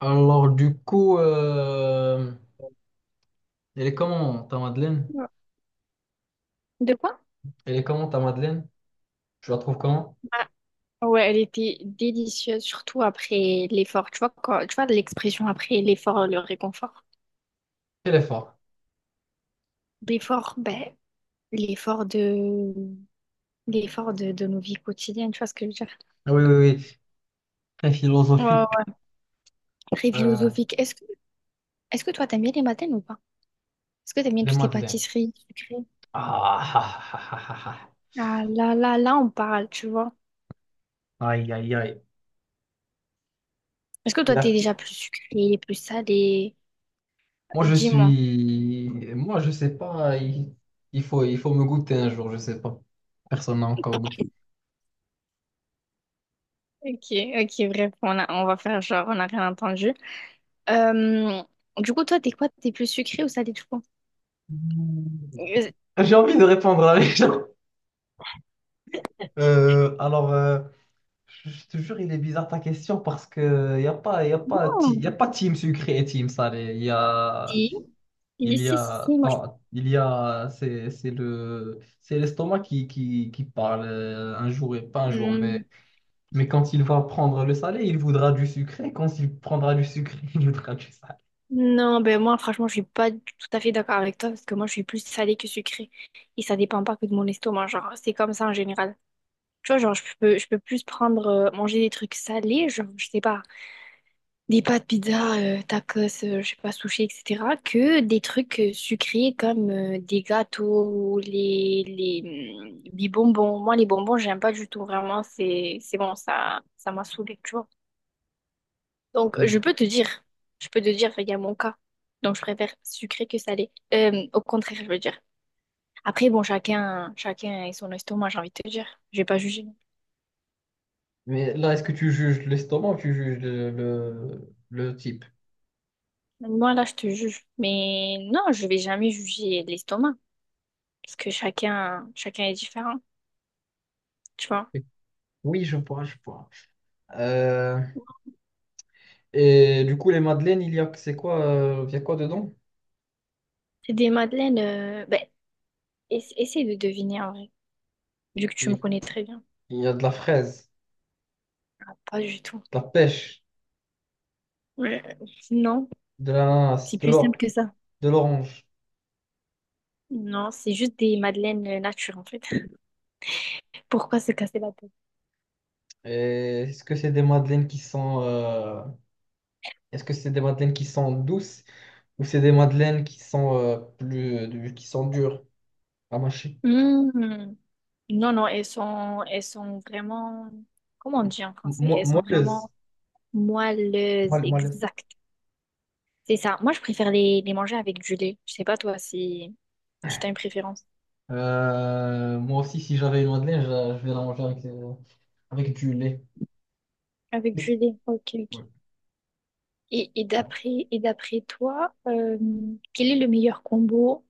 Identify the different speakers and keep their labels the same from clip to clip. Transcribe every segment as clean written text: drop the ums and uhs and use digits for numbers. Speaker 1: Alors, du coup, euh, Elle est comment ta Madeleine?
Speaker 2: Ouais. De quoi?
Speaker 1: Elle est comment ta Madeleine? Je la trouve comment?
Speaker 2: Ah, ouais, elle était délicieuse, surtout après l'effort. Tu vois, quand, tu vois l'expression après l'effort, le réconfort.
Speaker 1: Elle est forte.
Speaker 2: L'effort, ben, l'effort de, l'effort de nos vies quotidiennes, tu vois ce que je veux dire?
Speaker 1: Ah, oui, oui, oui. Très
Speaker 2: Ouais,
Speaker 1: philosophique.
Speaker 2: ouais. Très
Speaker 1: Euh,
Speaker 2: philosophique. Est-ce que toi, t'aimes bien les mataines ou pas? Est-ce que t'aimes bien
Speaker 1: les
Speaker 2: toutes les
Speaker 1: Madeleines.
Speaker 2: pâtisseries sucrées?
Speaker 1: Ah, ah, ah, ah, ah,
Speaker 2: Ah là là, là, on parle, tu vois.
Speaker 1: ah. Aïe, aïe, aïe.
Speaker 2: Est-ce que toi,
Speaker 1: Il
Speaker 2: t'es
Speaker 1: a-
Speaker 2: déjà plus sucré, plus salé?
Speaker 1: Moi, je
Speaker 2: Dis-moi.
Speaker 1: suis. Moi, je sais pas. Il faut me goûter un jour, je sais pas. Personne n'a encore goûté.
Speaker 2: Ok, ok, bref, on va faire genre, on n'a rien entendu. Euh, du coup, toi, t'es quoi? T'es plus sucré ou salé, je pense? Euh,
Speaker 1: J'ai envie de répondre à les gens. Euh, alors. euh, Je te jure, il est bizarre ta question parce que
Speaker 2: Oh.
Speaker 1: y a pas team sucré et team salé.
Speaker 2: Si, si,
Speaker 1: Il y
Speaker 2: si, si,
Speaker 1: a,
Speaker 2: si, moi, je-
Speaker 1: attends, il y a, c'est c'est l'estomac qui parle un jour et pas un jour.
Speaker 2: Hmm.
Speaker 1: Mais quand il va prendre le salé, il voudra du sucré. Quand il prendra du sucré, il voudra du salé.
Speaker 2: Non, ben moi, franchement, je suis pas tout à fait d'accord avec toi parce que moi, je suis plus salée que sucrée. Et ça dépend pas que de mon estomac, genre, c'est comme ça en général. Tu vois, genre, je peux plus prendre, manger des trucs salés, genre, je sais pas. Des pâtes pizza, tacos, je sais pas, sushi, etc., que des trucs sucrés comme des gâteaux ou les bonbons. Moi, les bonbons, j'aime pas du tout, vraiment, c'est bon, ça m'a saoulée, tu vois. Donc,
Speaker 1: Mm.
Speaker 2: je peux te dire, il y a mon cas. Donc, je préfère sucré que salé. Au contraire, je veux dire. Après, bon, chacun et son estomac, j'ai envie de te dire. Je vais pas juger.
Speaker 1: Mais là, est-ce que tu juges l'estomac ou tu juges le type?
Speaker 2: Moi, là, je te juge. Mais non, je vais jamais juger l'estomac. Parce que chacun est différent. Tu vois.
Speaker 1: Oui, je vois, je vois. Euh, Et du coup, les madeleines, c'est quoi, il y a quoi dedans?
Speaker 2: C'est des madeleines. Ben, essaie de deviner en vrai, vu que tu me
Speaker 1: Il,
Speaker 2: connais très bien.
Speaker 1: il y a de la fraise,
Speaker 2: Ah, pas du tout.
Speaker 1: de la pêche,
Speaker 2: Ouais. Non,
Speaker 1: de l'ananas,
Speaker 2: c'est
Speaker 1: de
Speaker 2: plus
Speaker 1: l'or,
Speaker 2: simple que ça.
Speaker 1: de l'orange.
Speaker 2: Non, c'est juste des madeleines nature en fait. Pourquoi se casser la tête?
Speaker 1: Et est-ce que c'est des madeleines qui sont, est-ce que c'est des madeleines qui sont douces ou c'est des madeleines qui sont qui sont dures à mâcher?
Speaker 2: Hmm. Non, non, elles sont vraiment. Comment on dit en français? Elles sont
Speaker 1: Moelleuses.
Speaker 2: vraiment moelleuses,
Speaker 1: Moelleuses.
Speaker 2: exact. C'est ça. Moi, je préfère les manger avec du lait. Je sais pas toi si, si t'as une préférence.
Speaker 1: Moi aussi, si j'avais une madeleine, je vais la manger avec, avec du lait.
Speaker 2: Avec du lait, ok, ok.
Speaker 1: Ouais.
Speaker 2: Et, et d'après toi, quel est le meilleur combo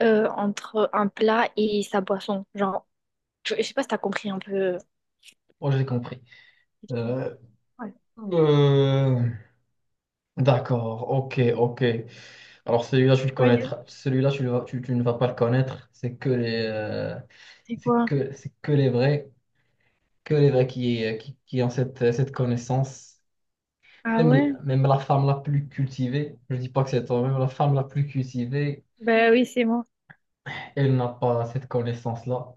Speaker 2: entre un plat et sa boisson? Genre, je sais pas si t'as compris un peu la
Speaker 1: Moi, j'ai compris.
Speaker 2: question.
Speaker 1: Euh,
Speaker 2: Ouais.
Speaker 1: euh, D'accord, ok, ok. Alors celui-là, tu le
Speaker 2: Tu vois, Yann,
Speaker 1: connaîtras. Celui-là, tu, tu ne vas pas le connaître.
Speaker 2: c'est quoi?
Speaker 1: C'est que les vrais qui ont cette, cette connaissance.
Speaker 2: Ah
Speaker 1: Même,
Speaker 2: ouais?
Speaker 1: même la femme la plus cultivée, je dis pas que c'est toi, même la femme la plus cultivée,
Speaker 2: Bah oui, c'est moi.
Speaker 1: elle n'a pas cette connaissance-là.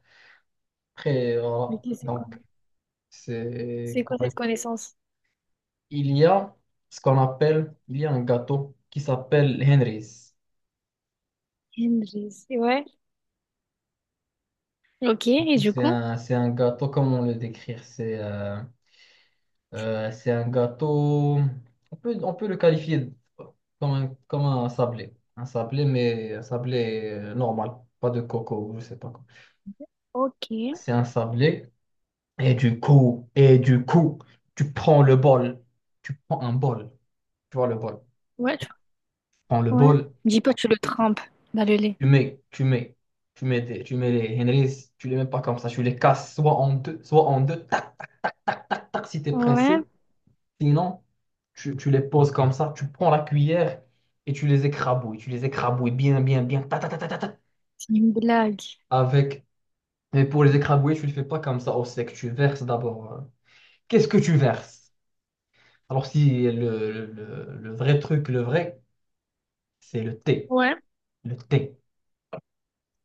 Speaker 1: Après, voilà.
Speaker 2: C'est quoi?
Speaker 1: Donc, c'est...
Speaker 2: C'est quoi
Speaker 1: comme le-
Speaker 2: cette connaissance?
Speaker 1: Il y a ce qu'on appelle, il y a un gâteau qui s'appelle Henry's.
Speaker 2: Henry, c'est ouais. Ok,
Speaker 1: Du
Speaker 2: et
Speaker 1: coup,
Speaker 2: du coup?
Speaker 1: c'est un gâteau, comment le décrire? C'est un gâteau, on peut le qualifier comme un sablé. Un sablé, mais un sablé normal, pas de coco, je sais pas quoi.
Speaker 2: Ok.
Speaker 1: C'est un sablé, et du coup, tu prends le bol, tu prends un bol, tu vois le bol.
Speaker 2: Ouais, tu-
Speaker 1: Prends le
Speaker 2: ouais.
Speaker 1: bol,
Speaker 2: Dis pas, que tu le trempes dans le lait.
Speaker 1: tu mets, tu mets, tu mets les Henrys, tu les mets pas comme ça, tu les casses soit en deux, tac, tac, si t'es
Speaker 2: Ouais.
Speaker 1: pressé. Sinon, tu les poses comme ça, tu prends la cuillère et tu les écrabouilles. Tu les écrabouilles bien, bien, bien. Ta, ta, ta, ta, ta, ta,
Speaker 2: C'est une blague.
Speaker 1: avec... Mais pour les écrabouiller, tu ne le fais pas comme ça au sec. Tu verses d'abord. Qu'est-ce que tu verses? Alors, si le vrai truc, le vrai, c'est le thé.
Speaker 2: Ouais.
Speaker 1: Le thé.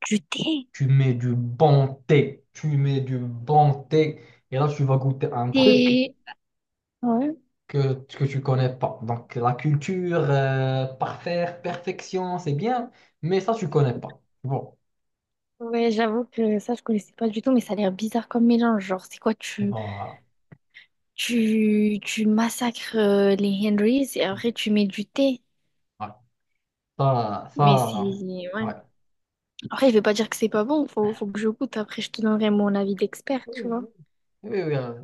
Speaker 2: Du thé.
Speaker 1: Tu mets du bon thé. Tu mets du bon thé. Et là, tu vas goûter un truc
Speaker 2: Thé. Ouais.
Speaker 1: que tu connais pas. Donc, la culture, parfaire, perfection, c'est bien. Mais ça, tu connais pas. Bon.
Speaker 2: Ouais, j'avoue que ça, je connaissais pas du tout, mais ça a l'air bizarre comme mélange. Genre, c'est quoi,
Speaker 1: Voilà.
Speaker 2: tu massacres les Henrys et après tu mets du thé.
Speaker 1: Ouais. Ça,
Speaker 2: Mais c'est.
Speaker 1: ça,
Speaker 2: Ouais.
Speaker 1: ouais.
Speaker 2: Après, je vais pas dire que c'est pas bon, faut que je goûte. Après, je te donnerai mon avis d'expert,
Speaker 1: Oui,
Speaker 2: tu vois.
Speaker 1: oui, oui, oui,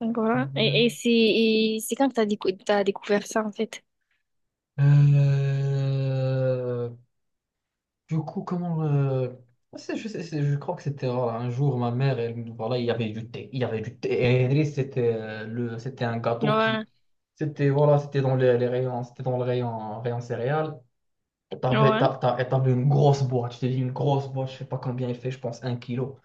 Speaker 2: Donc voilà. Et, et c'est quand que t'as découvert ça, en fait?
Speaker 1: euh, du coup, Je crois que c'était un jour, ma mère, elle, voilà, il y avait du thé. Il y avait du thé. Et Idriss, c'était c'était un gâteau qui...
Speaker 2: Ouais,
Speaker 1: C'était, voilà, c'était dans les rayons, c'était dans le rayon, rayon céréales.
Speaker 2: ouais,
Speaker 1: Et t'avais une grosse boîte. Je t'ai dit, une grosse boîte, je sais pas combien il fait, je pense un kilo.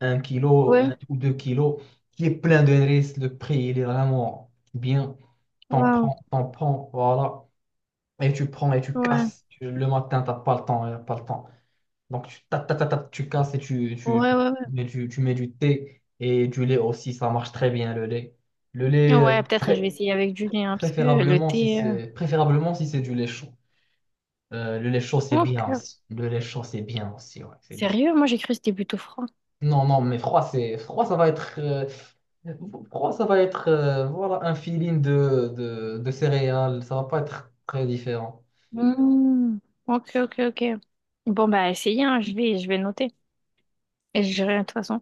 Speaker 1: Un kilo
Speaker 2: ouais.
Speaker 1: ou deux kilos, qui est plein de risques. Le prix, il est vraiment bien.
Speaker 2: Waouh.
Speaker 1: T'en prends, voilà. Et tu prends et tu
Speaker 2: Ouais,
Speaker 1: casses. Le matin, t'as pas le temps, y a pas le temps. Donc, tu, ta- ta- ta- ta- tu casses
Speaker 2: ouais, ouais,
Speaker 1: et tu, tu mets du thé et du lait aussi. Ça marche très bien, le lait. Le
Speaker 2: ouais.
Speaker 1: lait, euh,
Speaker 2: Ouais, peut-être je
Speaker 1: pré-
Speaker 2: vais essayer avec du lait, hein, parce que le
Speaker 1: Préférablement si
Speaker 2: thé...
Speaker 1: c'est préférablement si c'est du lait chaud. Le lait chaud, c'est bien
Speaker 2: Ok.
Speaker 1: aussi. Le lait chaud, c'est bien aussi, ouais, c'est bien.
Speaker 2: Sérieux, moi j'ai cru que c'était plutôt froid.
Speaker 1: Non, non, mais froid, c'est froid, ça va être. Pour moi, ça va être voilà, un feeling de céréales. Ça va pas être très différent.
Speaker 2: Hmm. Ok, ok, ok. Bon, bah, essayez, hein, je vais noter. Et je dirai de toute façon.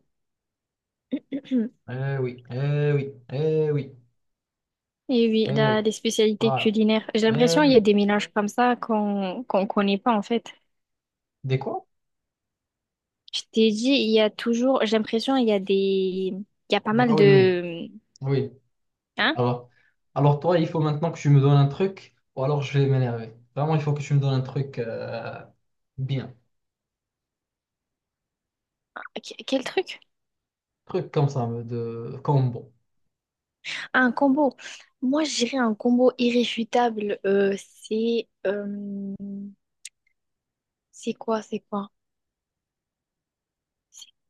Speaker 1: Eh oui, eh oui, eh oui,
Speaker 2: Et oui,
Speaker 1: eh oui.
Speaker 2: là, les spécialités
Speaker 1: Voilà.
Speaker 2: culinaires. J'ai
Speaker 1: Eh
Speaker 2: l'impression qu'il y a
Speaker 1: oui.
Speaker 2: des mélanges comme ça qu'on connaît pas, en fait.
Speaker 1: Des quoi?
Speaker 2: Je t'ai dit, il y a toujours... J'ai l'impression qu'il y a des... Il y a pas mal
Speaker 1: Ah oui, oui,
Speaker 2: de...
Speaker 1: oui.
Speaker 2: Hein?
Speaker 1: Alors, alors toi, il faut maintenant que tu me donnes un truc, ou alors je vais m'énerver. Vraiment, il faut que tu me donnes un truc bien.
Speaker 2: Quel truc?
Speaker 1: Truc comme ça, de combo.
Speaker 2: Ah, un combo. Moi, je dirais un combo irréfutable. C'est quoi, c'est quoi?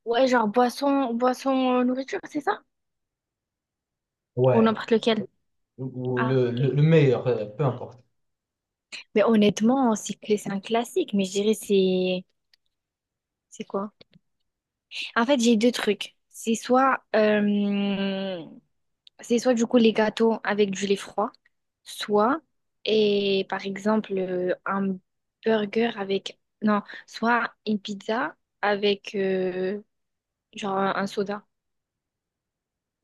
Speaker 2: Ouais, genre boisson, nourriture, c'est ça? Ou
Speaker 1: Ouais.
Speaker 2: n'importe lequel.
Speaker 1: Ou
Speaker 2: Ah, ok.
Speaker 1: le meilleur, peu importe.
Speaker 2: Mais honnêtement, c'est un classique, mais je dirais c'est... C'est quoi? En fait, j'ai deux trucs. C'est soit, du coup, les gâteaux avec du lait froid, soit, et par exemple, un burger avec... Non, soit une pizza avec, genre, un soda.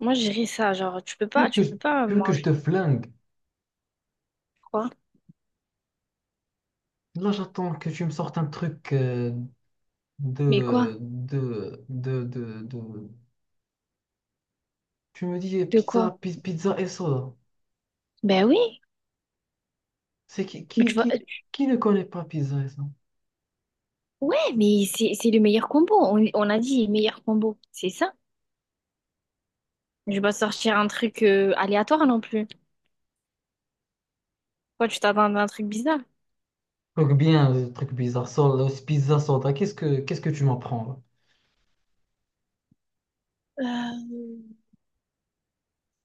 Speaker 2: Moi, je dirais ça, genre,
Speaker 1: Tu veux que
Speaker 2: tu
Speaker 1: je,
Speaker 2: peux pas
Speaker 1: tu veux que je
Speaker 2: manger
Speaker 1: te flingue?
Speaker 2: quoi?
Speaker 1: Là, j'attends que tu me sortes un truc
Speaker 2: Mais quoi?
Speaker 1: de, de, de, de, de- Tu me dis eh,
Speaker 2: De quoi?
Speaker 1: pizza et soda.
Speaker 2: Ben oui,
Speaker 1: C'est
Speaker 2: mais tu vois,
Speaker 1: qui ne connaît pas pizza et soda?
Speaker 2: Ouais, mais c'est le meilleur combo. On a dit meilleur combo. C'est ça. Je vais pas sortir un truc aléatoire non plus. Toi, tu t'attends à un truc bizarre.
Speaker 1: Truc bien, truc bizarre, soda, pizza, soda. Qu'est-ce que tu m'apprends là?
Speaker 2: Euh,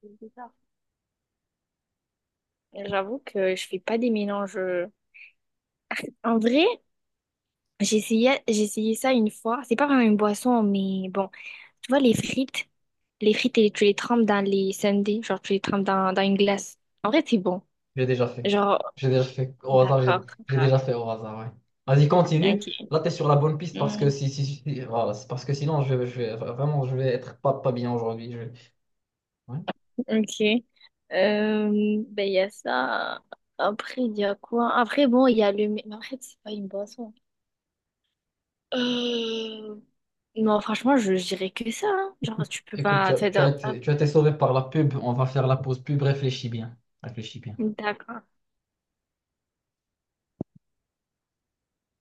Speaker 2: c'est bizarre. J'avoue que je fais pas des mélanges. En vrai, j'ai essayé ça une fois. C'est pas vraiment une boisson, mais bon. Tu vois, les frites, et tu les trempes dans les sundaes. Genre, tu les trempes dans une glace. En vrai, c'est bon.
Speaker 1: J'ai déjà fait.
Speaker 2: Genre,
Speaker 1: J'ai déjà fait au hasard,
Speaker 2: d'accord.
Speaker 1: j'ai
Speaker 2: D'accord.
Speaker 1: déjà fait au hasard, ouais. Vas-y, continue. Là, t'es sur la bonne piste parce que
Speaker 2: Ok.
Speaker 1: voilà, c'est parce que sinon, je vais vraiment, je vais être pas, pas bien aujourd'hui. Je, ouais.
Speaker 2: Ok. Euh, ben, il y a ça. Après, il y a quoi? Après, bon, il y a le... Mais après, c'est pas une boisson. Euh... Non, franchement, je dirais que ça. Hein. Genre, tu peux
Speaker 1: Écoute,
Speaker 2: pas...
Speaker 1: tu as été sauvé par la pub. On va faire la pause pub. Réfléchis bien. Réfléchis bien.
Speaker 2: D'accord.